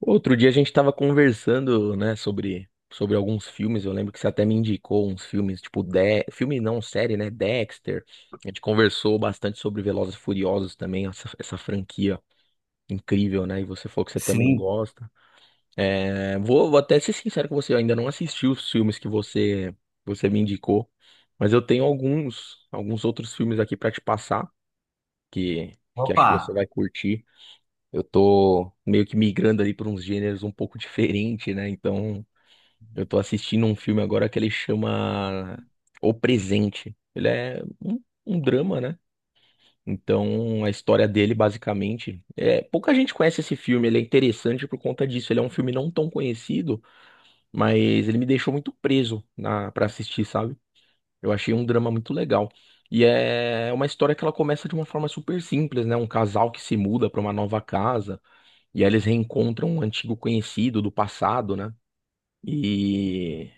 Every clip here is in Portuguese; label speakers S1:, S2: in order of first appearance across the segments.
S1: Outro dia a gente estava conversando, né, sobre alguns filmes. Eu lembro que você até me indicou uns filmes, tipo, filme não, série, né? Dexter. A gente conversou bastante sobre Velozes e Furiosos também, essa franquia incrível, né? E você falou que você também
S2: Sim,
S1: gosta. É, vou até ser sincero com você, eu ainda não assisti os filmes que você me indicou, mas eu tenho alguns outros filmes aqui para te passar, que, que acho que você vai curtir. Eu tô meio que migrando ali para uns gêneros um pouco diferente, né? Então, eu tô assistindo um filme agora que ele chama O Presente. Ele é um drama, né? Então, a história dele, basicamente, é pouca gente conhece esse filme. Ele é interessante por conta disso. Ele é um filme não tão conhecido, mas ele me deixou muito preso na para assistir, sabe? Eu achei um drama muito legal. E é uma história que ela começa de uma forma super simples, né? Um casal que se muda para uma nova casa. E aí eles reencontram um antigo conhecido do passado, né? E,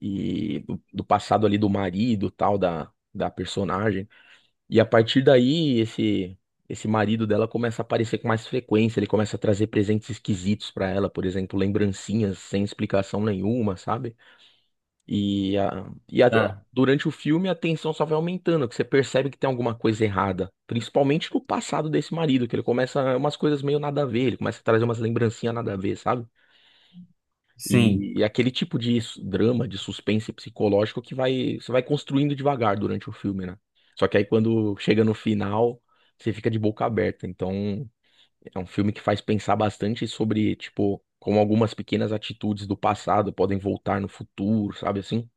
S1: e do passado ali do marido, tal, da personagem. E a partir daí, esse marido dela começa a aparecer com mais frequência. Ele começa a trazer presentes esquisitos pra ela, por exemplo, lembrancinhas sem explicação nenhuma, sabe? E, a, e a-
S2: Ah,
S1: Durante o filme a tensão só vai aumentando, que você percebe que tem alguma coisa errada. Principalmente no passado desse marido, que ele começa umas coisas meio nada a ver, ele começa a trazer umas lembrancinhas nada a ver, sabe?
S2: sim.
S1: E, aquele tipo de drama, de suspense psicológico que vai, você vai construindo devagar durante o filme, né? Só que aí quando chega no final, você fica de boca aberta. Então, é um filme que faz pensar bastante sobre, tipo, como algumas pequenas atitudes do passado podem voltar no futuro, sabe assim?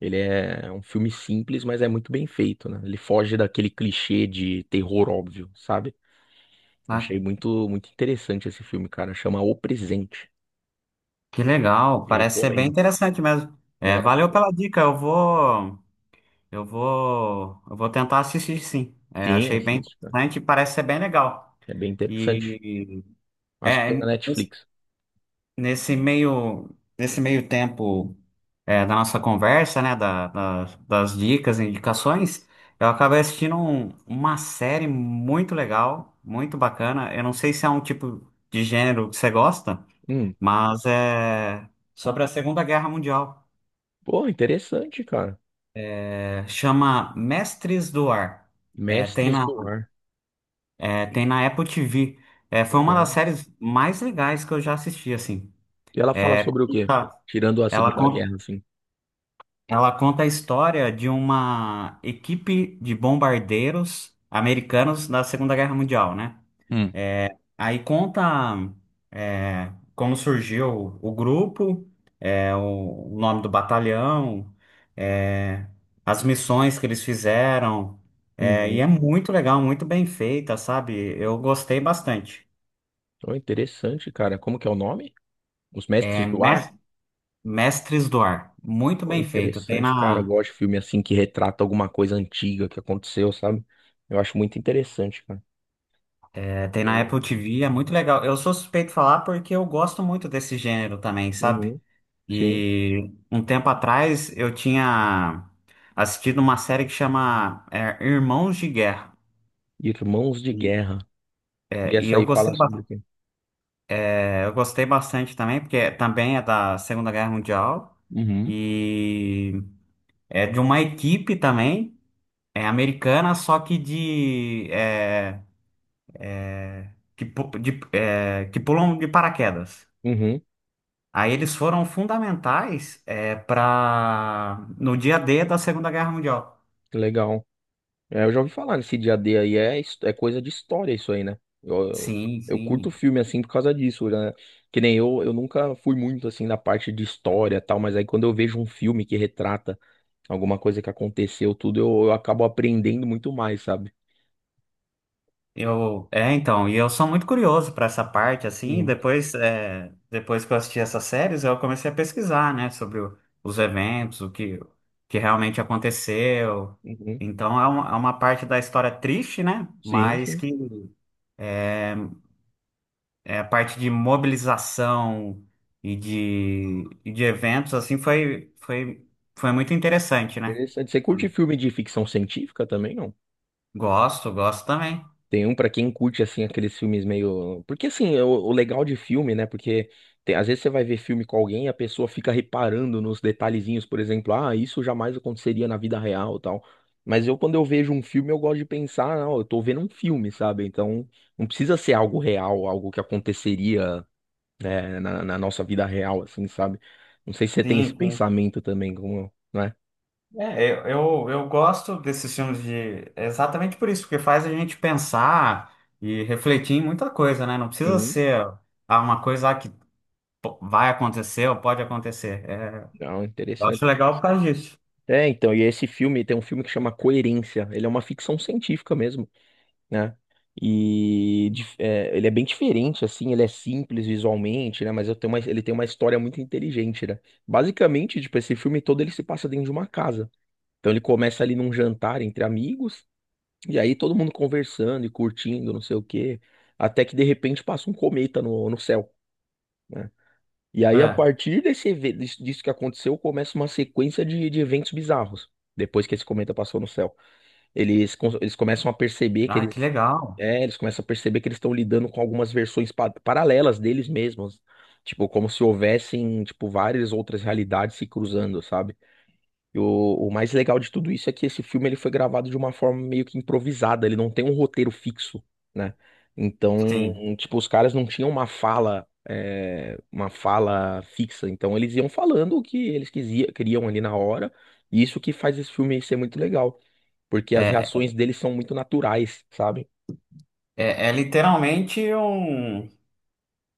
S1: Ele é um filme simples, mas é muito bem feito, né? Ele foge daquele clichê de terror óbvio, sabe? Eu Achei
S2: Ah,
S1: muito, muito interessante esse filme, cara. Chama O Presente.
S2: que legal.
S1: E
S2: Parece ser bem
S1: recomendo.
S2: interessante mesmo. É,
S1: É,
S2: valeu pela dica. Eu vou tentar assistir, sim. É,
S1: sim,
S2: achei bem
S1: assiste.
S2: interessante e parece ser bem legal.
S1: É bem interessante.
S2: E
S1: Acho que
S2: é,
S1: tem na
S2: nesse
S1: Netflix.
S2: nesse meio, meio tempo da nossa conversa, né, das dicas, indicações, eu acabei assistindo uma série muito legal, muito bacana. Eu não sei se é um tipo de gênero que você gosta.
S1: Hum,
S2: Mas é sobre a Segunda Guerra Mundial.
S1: pô, interessante, cara.
S2: É, chama Mestres do Ar. É, tem
S1: Mestres
S2: na,
S1: do Ar.
S2: é, tem na Apple TV. É, foi uma das
S1: Legal.
S2: séries mais legais que eu já assisti, assim.
S1: E ela fala sobre o quê?
S2: Tá.
S1: Tirando a
S2: Ela
S1: Segunda
S2: conta,
S1: Guerra, assim.
S2: ela conta a história de uma equipe de bombardeiros americanos da Segunda Guerra Mundial, né?
S1: Hum.
S2: Aí conta como surgiu o grupo, o nome do batalhão, é, as missões que eles fizeram. É, e
S1: Uhum.
S2: é muito legal, muito bem feita, sabe? Eu gostei bastante.
S1: Pô, interessante, cara. Como que é o nome? Os Mestres
S2: É
S1: do Ar?
S2: Mes- Mestres do Ar, muito
S1: Pô,
S2: bem feito.
S1: interessante, cara. Eu gosto de filme assim que retrata alguma coisa antiga que aconteceu, sabe? Eu acho muito interessante, cara.
S2: É, tem
S1: Bem
S2: na Apple
S1: legal.
S2: TV, é muito legal. Eu sou suspeito de falar porque eu gosto muito desse gênero também, sabe?
S1: Uhum. Sim.
S2: E um tempo atrás eu tinha assistido uma série que chama Irmãos de Guerra.
S1: Irmãos de
S2: E,
S1: Guerra. E
S2: e
S1: essa aí fala sobre o quê?
S2: eu gostei bastante também, porque também é da Segunda Guerra Mundial
S1: Uhum.
S2: e é de uma equipe também, é americana, só que de, é, que, pu- de- é, que pulam de paraquedas.
S1: Uhum.
S2: Aí eles foram fundamentais para no dia D da Segunda Guerra Mundial.
S1: Legal. É, eu já ouvi falar nesse dia D aí, é, é coisa de história isso aí, né?
S2: Sim,
S1: Eu curto
S2: sim.
S1: filme assim por causa disso, né? Que nem eu, nunca fui muito assim na parte de história e tal, mas aí quando eu vejo um filme que retrata alguma coisa que aconteceu, tudo, eu acabo aprendendo muito mais, sabe?
S2: Então, eu sou muito curioso para essa parte, assim,
S1: Uhum,
S2: depois que eu assisti essas séries, eu comecei a pesquisar, né, sobre os eventos, o que realmente aconteceu.
S1: uhum.
S2: Então, é uma parte da história triste, né,
S1: Sim,
S2: mas
S1: sim.
S2: que é a parte de mobilização e de eventos, assim, foi muito interessante, né?
S1: Interessante. Você curte filme de ficção científica também, não?
S2: Gosto, gosto também.
S1: Tem um pra quem curte, assim, aqueles filmes meio. Porque, assim, é o legal de filme, né? Porque às vezes você vai ver filme com alguém e a pessoa fica reparando nos detalhezinhos, por exemplo, ah, isso jamais aconteceria na vida real, e tal. Mas eu, quando eu vejo um filme, eu gosto de pensar, não, eu tô vendo um filme, sabe? Então, não precisa ser algo real, algo que aconteceria, né, na nossa vida real, assim, sabe? Não sei se você tem esse
S2: Sim.
S1: pensamento também, como, né?
S2: É, eu, eu gosto desses filmes de exatamente por isso, porque faz a gente pensar e refletir em muita coisa, né? Não precisa
S1: Sim.
S2: ser uma coisa que vai acontecer ou pode acontecer.
S1: Não,
S2: Eu acho
S1: interessante.
S2: legal por causa disso.
S1: É, então, e esse filme tem um filme que chama Coerência. Ele é uma ficção científica mesmo, né? E é, ele é bem diferente, assim, ele é simples visualmente, né? Mas eu tenho ele tem uma história muito inteligente, né? Basicamente, tipo, esse filme todo ele se passa dentro de uma casa. Então ele começa ali num jantar entre amigos, e aí todo mundo conversando e curtindo, não sei o quê, até que de repente passa um cometa no céu. Né? E aí, a
S2: É.
S1: partir disso que aconteceu, começa uma sequência de eventos bizarros. Depois que esse cometa passou no céu, eles começam a perceber que
S2: Ah, que
S1: eles.
S2: legal.
S1: É, eles começam a perceber que eles estão lidando com algumas versões paralelas deles mesmos. Tipo, como se houvessem, tipo, várias outras realidades se cruzando, sabe? E o mais legal de tudo isso é que esse filme ele foi gravado de uma forma meio que improvisada, ele não tem um roteiro fixo, né? Então,
S2: Sim.
S1: tipo, os caras não tinham uma fala, uma fala fixa, então eles iam falando o que eles queriam ali na hora, e isso que faz esse filme ser muito legal, porque as
S2: É,
S1: reações deles são muito naturais, sabe?
S2: é literalmente um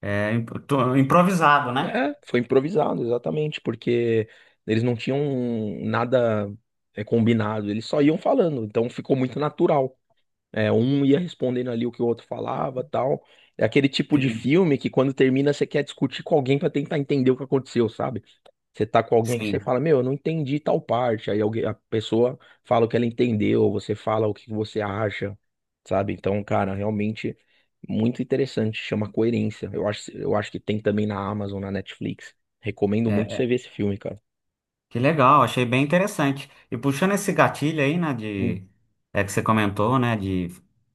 S2: improvisado, né?
S1: É, foi improvisado, exatamente, porque eles não tinham nada, combinado, eles só iam falando, então ficou muito natural. É, um ia respondendo ali o que o outro falava, tal. É aquele tipo de
S2: Sim,
S1: filme que quando termina você quer discutir com alguém pra tentar entender o que aconteceu, sabe? Você tá com alguém que você
S2: sim.
S1: fala, meu, eu não entendi tal parte. Aí alguém, a pessoa fala o que ela entendeu, você fala o que você acha, sabe? Então, cara, realmente muito interessante, chama Coerência. Eu acho que tem também na Amazon, na Netflix. Recomendo muito
S2: É,
S1: você ver esse filme, cara.
S2: que legal, achei bem interessante. E puxando esse gatilho aí, né,
S1: Hum,
S2: de, é que você comentou, né, de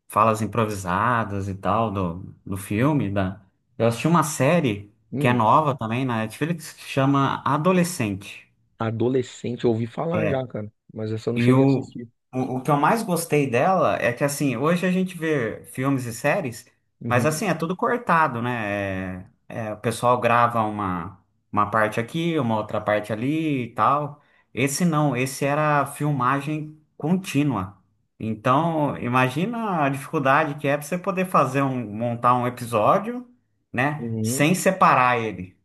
S2: falas improvisadas e tal, eu assisti uma série que é
S1: hum.
S2: nova também na Netflix, que chama Adolescente.
S1: Adolescente, eu ouvi falar já, cara, mas essa eu não
S2: E
S1: cheguei a
S2: o,
S1: assistir.
S2: o que eu mais gostei dela é que, assim, hoje a gente vê filmes e séries, mas,
S1: Uhum,
S2: assim, é tudo cortado, né? O pessoal grava uma parte aqui, uma outra parte ali e tal. Esse não, esse era filmagem contínua. Então, imagina a dificuldade que é para você poder montar um episódio, né?
S1: uhum.
S2: Sem separar ele,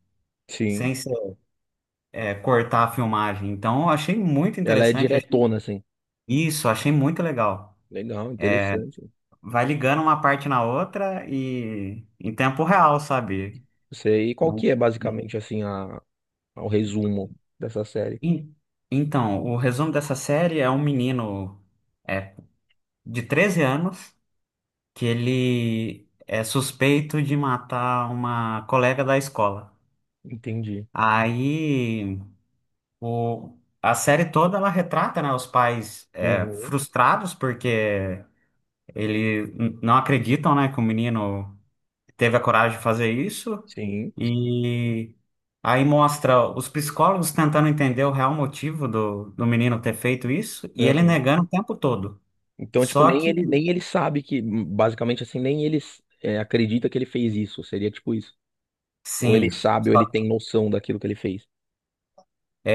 S1: Sim.
S2: sem cortar a filmagem. Então, eu achei muito
S1: Ela é
S2: interessante.
S1: diretona, assim.
S2: Isso, achei muito legal.
S1: Legal, interessante. Não
S2: Vai ligando uma parte na outra e em tempo real, sabe?
S1: sei. E qual
S2: Não-
S1: que é, basicamente, assim, o resumo dessa série?
S2: En- Então, o resumo dessa série é um menino é, de 13 anos que ele é suspeito de matar uma colega da escola.
S1: Entendi.
S2: Aí a série toda ela retrata, né, os pais
S1: Uhum.
S2: frustrados porque ele não acreditam, né, que o menino teve a coragem de fazer isso
S1: Sim.
S2: e aí mostra os psicólogos tentando entender o real motivo do menino ter feito isso e ele
S1: Aham.
S2: negando o tempo todo.
S1: Então, tipo,
S2: Só que,
S1: nem ele sabe que, basicamente, assim, nem ele acredita que ele fez isso. Seria tipo isso. Ou ele
S2: sim,
S1: sabe, ou ele
S2: só-
S1: tem noção daquilo que ele fez.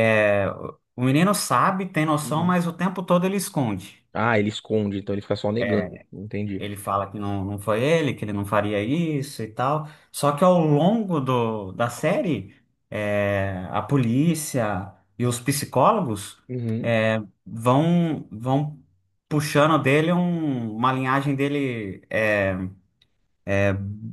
S2: é, o menino sabe, tem noção,
S1: Uhum.
S2: mas o tempo todo ele esconde.
S1: Ah, ele esconde, então ele fica só negando. Entendi.
S2: Ele fala que não, não foi ele, que ele não faria isso e tal. Só que ao longo da série, é, a polícia e os psicólogos
S1: Uhum.
S2: vão puxando dele uma linhagem dele é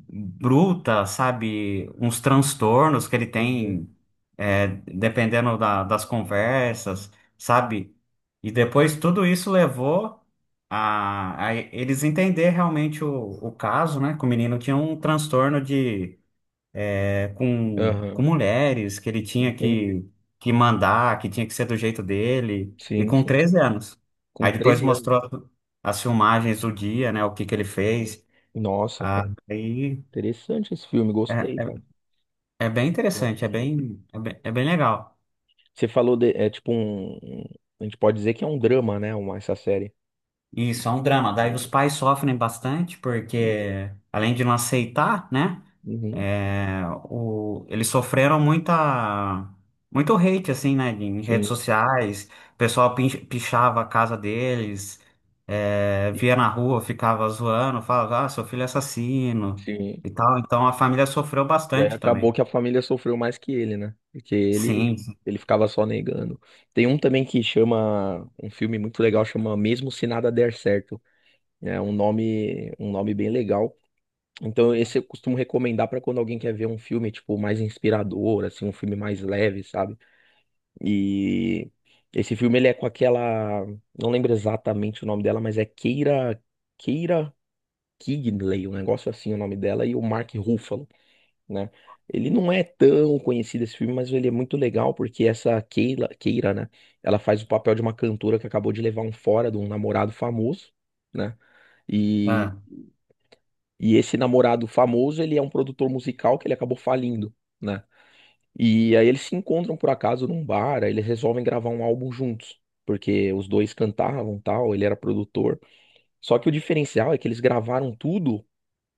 S2: bruta, sabe? Uns transtornos que ele
S1: Uhum.
S2: tem, é, dependendo das conversas, sabe? E depois tudo isso levou a eles entender realmente o caso, né? Que o menino tinha um transtorno com
S1: Aham.
S2: mulheres que ele tinha
S1: Entendi.
S2: que mandar, que tinha que ser do jeito dele, e
S1: Sim,
S2: com
S1: sim.
S2: 13 anos.
S1: Com
S2: Aí depois
S1: 13 anos.
S2: mostrou as filmagens do dia, né, o que que ele fez.
S1: Nossa, cara.
S2: Aí
S1: Interessante esse filme, gostei,
S2: é,
S1: cara.
S2: é bem
S1: Eu
S2: interessante,
S1: assisti.
S2: é bem legal.
S1: Você falou de, é tipo a gente pode dizer que é um drama, né? Uma, essa série.
S2: Isso, é um drama. Daí os pais sofrem bastante, porque além de não aceitar, né?
S1: Uhum,
S2: É, eles sofreram muito hate, assim, né? Em redes
S1: sim,
S2: sociais, o pessoal pichava a casa deles, é, via
S1: sim,
S2: na rua, ficava zoando, falava, ah, seu filho é assassino
S1: sim.
S2: e tal. Então a família sofreu
S1: E aí
S2: bastante
S1: acabou
S2: também.
S1: que a família sofreu mais que ele, né? Porque
S2: Sim, sim,
S1: ele ficava só negando. Tem um também que chama, um filme muito legal, chama Mesmo Se Nada Der Certo. É um nome bem legal. Então esse eu costumo recomendar pra quando alguém quer ver um filme, tipo, mais inspirador, assim, um filme mais leve, sabe? E esse filme ele é com aquela, não lembro exatamente o nome dela, mas é Keira Knightley, um negócio assim o nome dela e o Mark Ruffalo, né? Ele não é tão conhecido esse filme, mas ele é muito legal porque essa Keira, né? Ela faz o papel de uma cantora que acabou de levar um fora de um namorado famoso, né? E
S2: é.
S1: e esse namorado famoso, ele é um produtor musical que ele acabou falindo. Né? E aí eles se encontram por acaso num bar, aí eles resolvem gravar um álbum juntos, porque os dois cantavam, tal, ele era produtor. Só que o diferencial é que eles gravaram tudo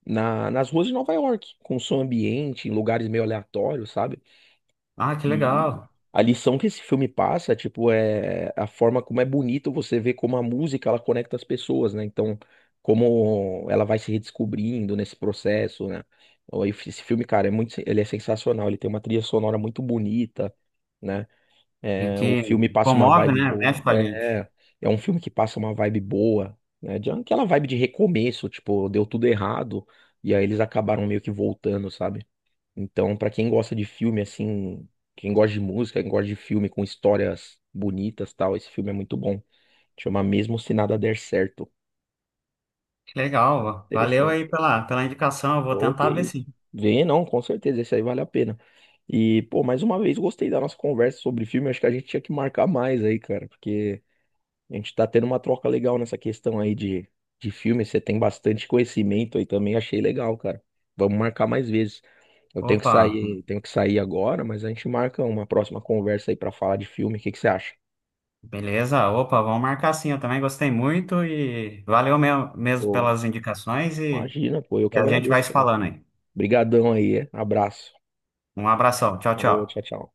S1: nas ruas de Nova York, com som ambiente, em lugares meio aleatórios, sabe?
S2: Ah, que
S1: E
S2: legal.
S1: a lição que esse filme passa, tipo, é a forma como é bonito você ver como a música ela conecta as pessoas, né? Então, como ela vai se redescobrindo nesse processo, né? Ou Esse esse filme, cara, é muito, ele é sensacional, ele tem uma trilha sonora muito bonita, né?
S2: E
S1: É,
S2: que
S1: o filme passa uma
S2: comove,
S1: vibe
S2: né?
S1: boa.
S2: Mexe com a gente.
S1: É um filme que passa uma vibe boa, né? De aquela vibe de recomeço, tipo, deu tudo errado e aí eles acabaram meio que voltando, sabe? Então, pra quem gosta de filme assim, quem gosta de música, quem gosta de filme com histórias bonitas, e tal, esse filme é muito bom. Chama Mesmo Se Nada Der Certo.
S2: Que legal. Valeu
S1: Interessante.
S2: aí pela indicação, eu vou
S1: Pô, que
S2: tentar ver
S1: isso.
S2: sim.
S1: Vê, não, com certeza, esse aí vale a pena. E, pô, mais uma vez gostei da nossa conversa sobre filme, acho que a gente tinha que marcar mais aí, cara, porque a gente tá tendo uma troca legal nessa questão aí de filme. Você tem bastante conhecimento aí também, achei legal, cara. Vamos marcar mais vezes. Eu
S2: Opa.
S1: tenho que sair agora, mas a gente marca uma próxima conversa aí pra falar de filme. O que que você acha?
S2: Beleza, opa, vamos marcar sim. Eu também gostei muito e valeu mesmo, mesmo
S1: Pô,
S2: pelas indicações
S1: imagina, pô, eu que
S2: e a gente vai
S1: agradeço
S2: se
S1: também.
S2: falando aí.
S1: Obrigadão aí, é? Abraço.
S2: Um abração, tchau,
S1: Falou,
S2: tchau.
S1: tchau, tchau.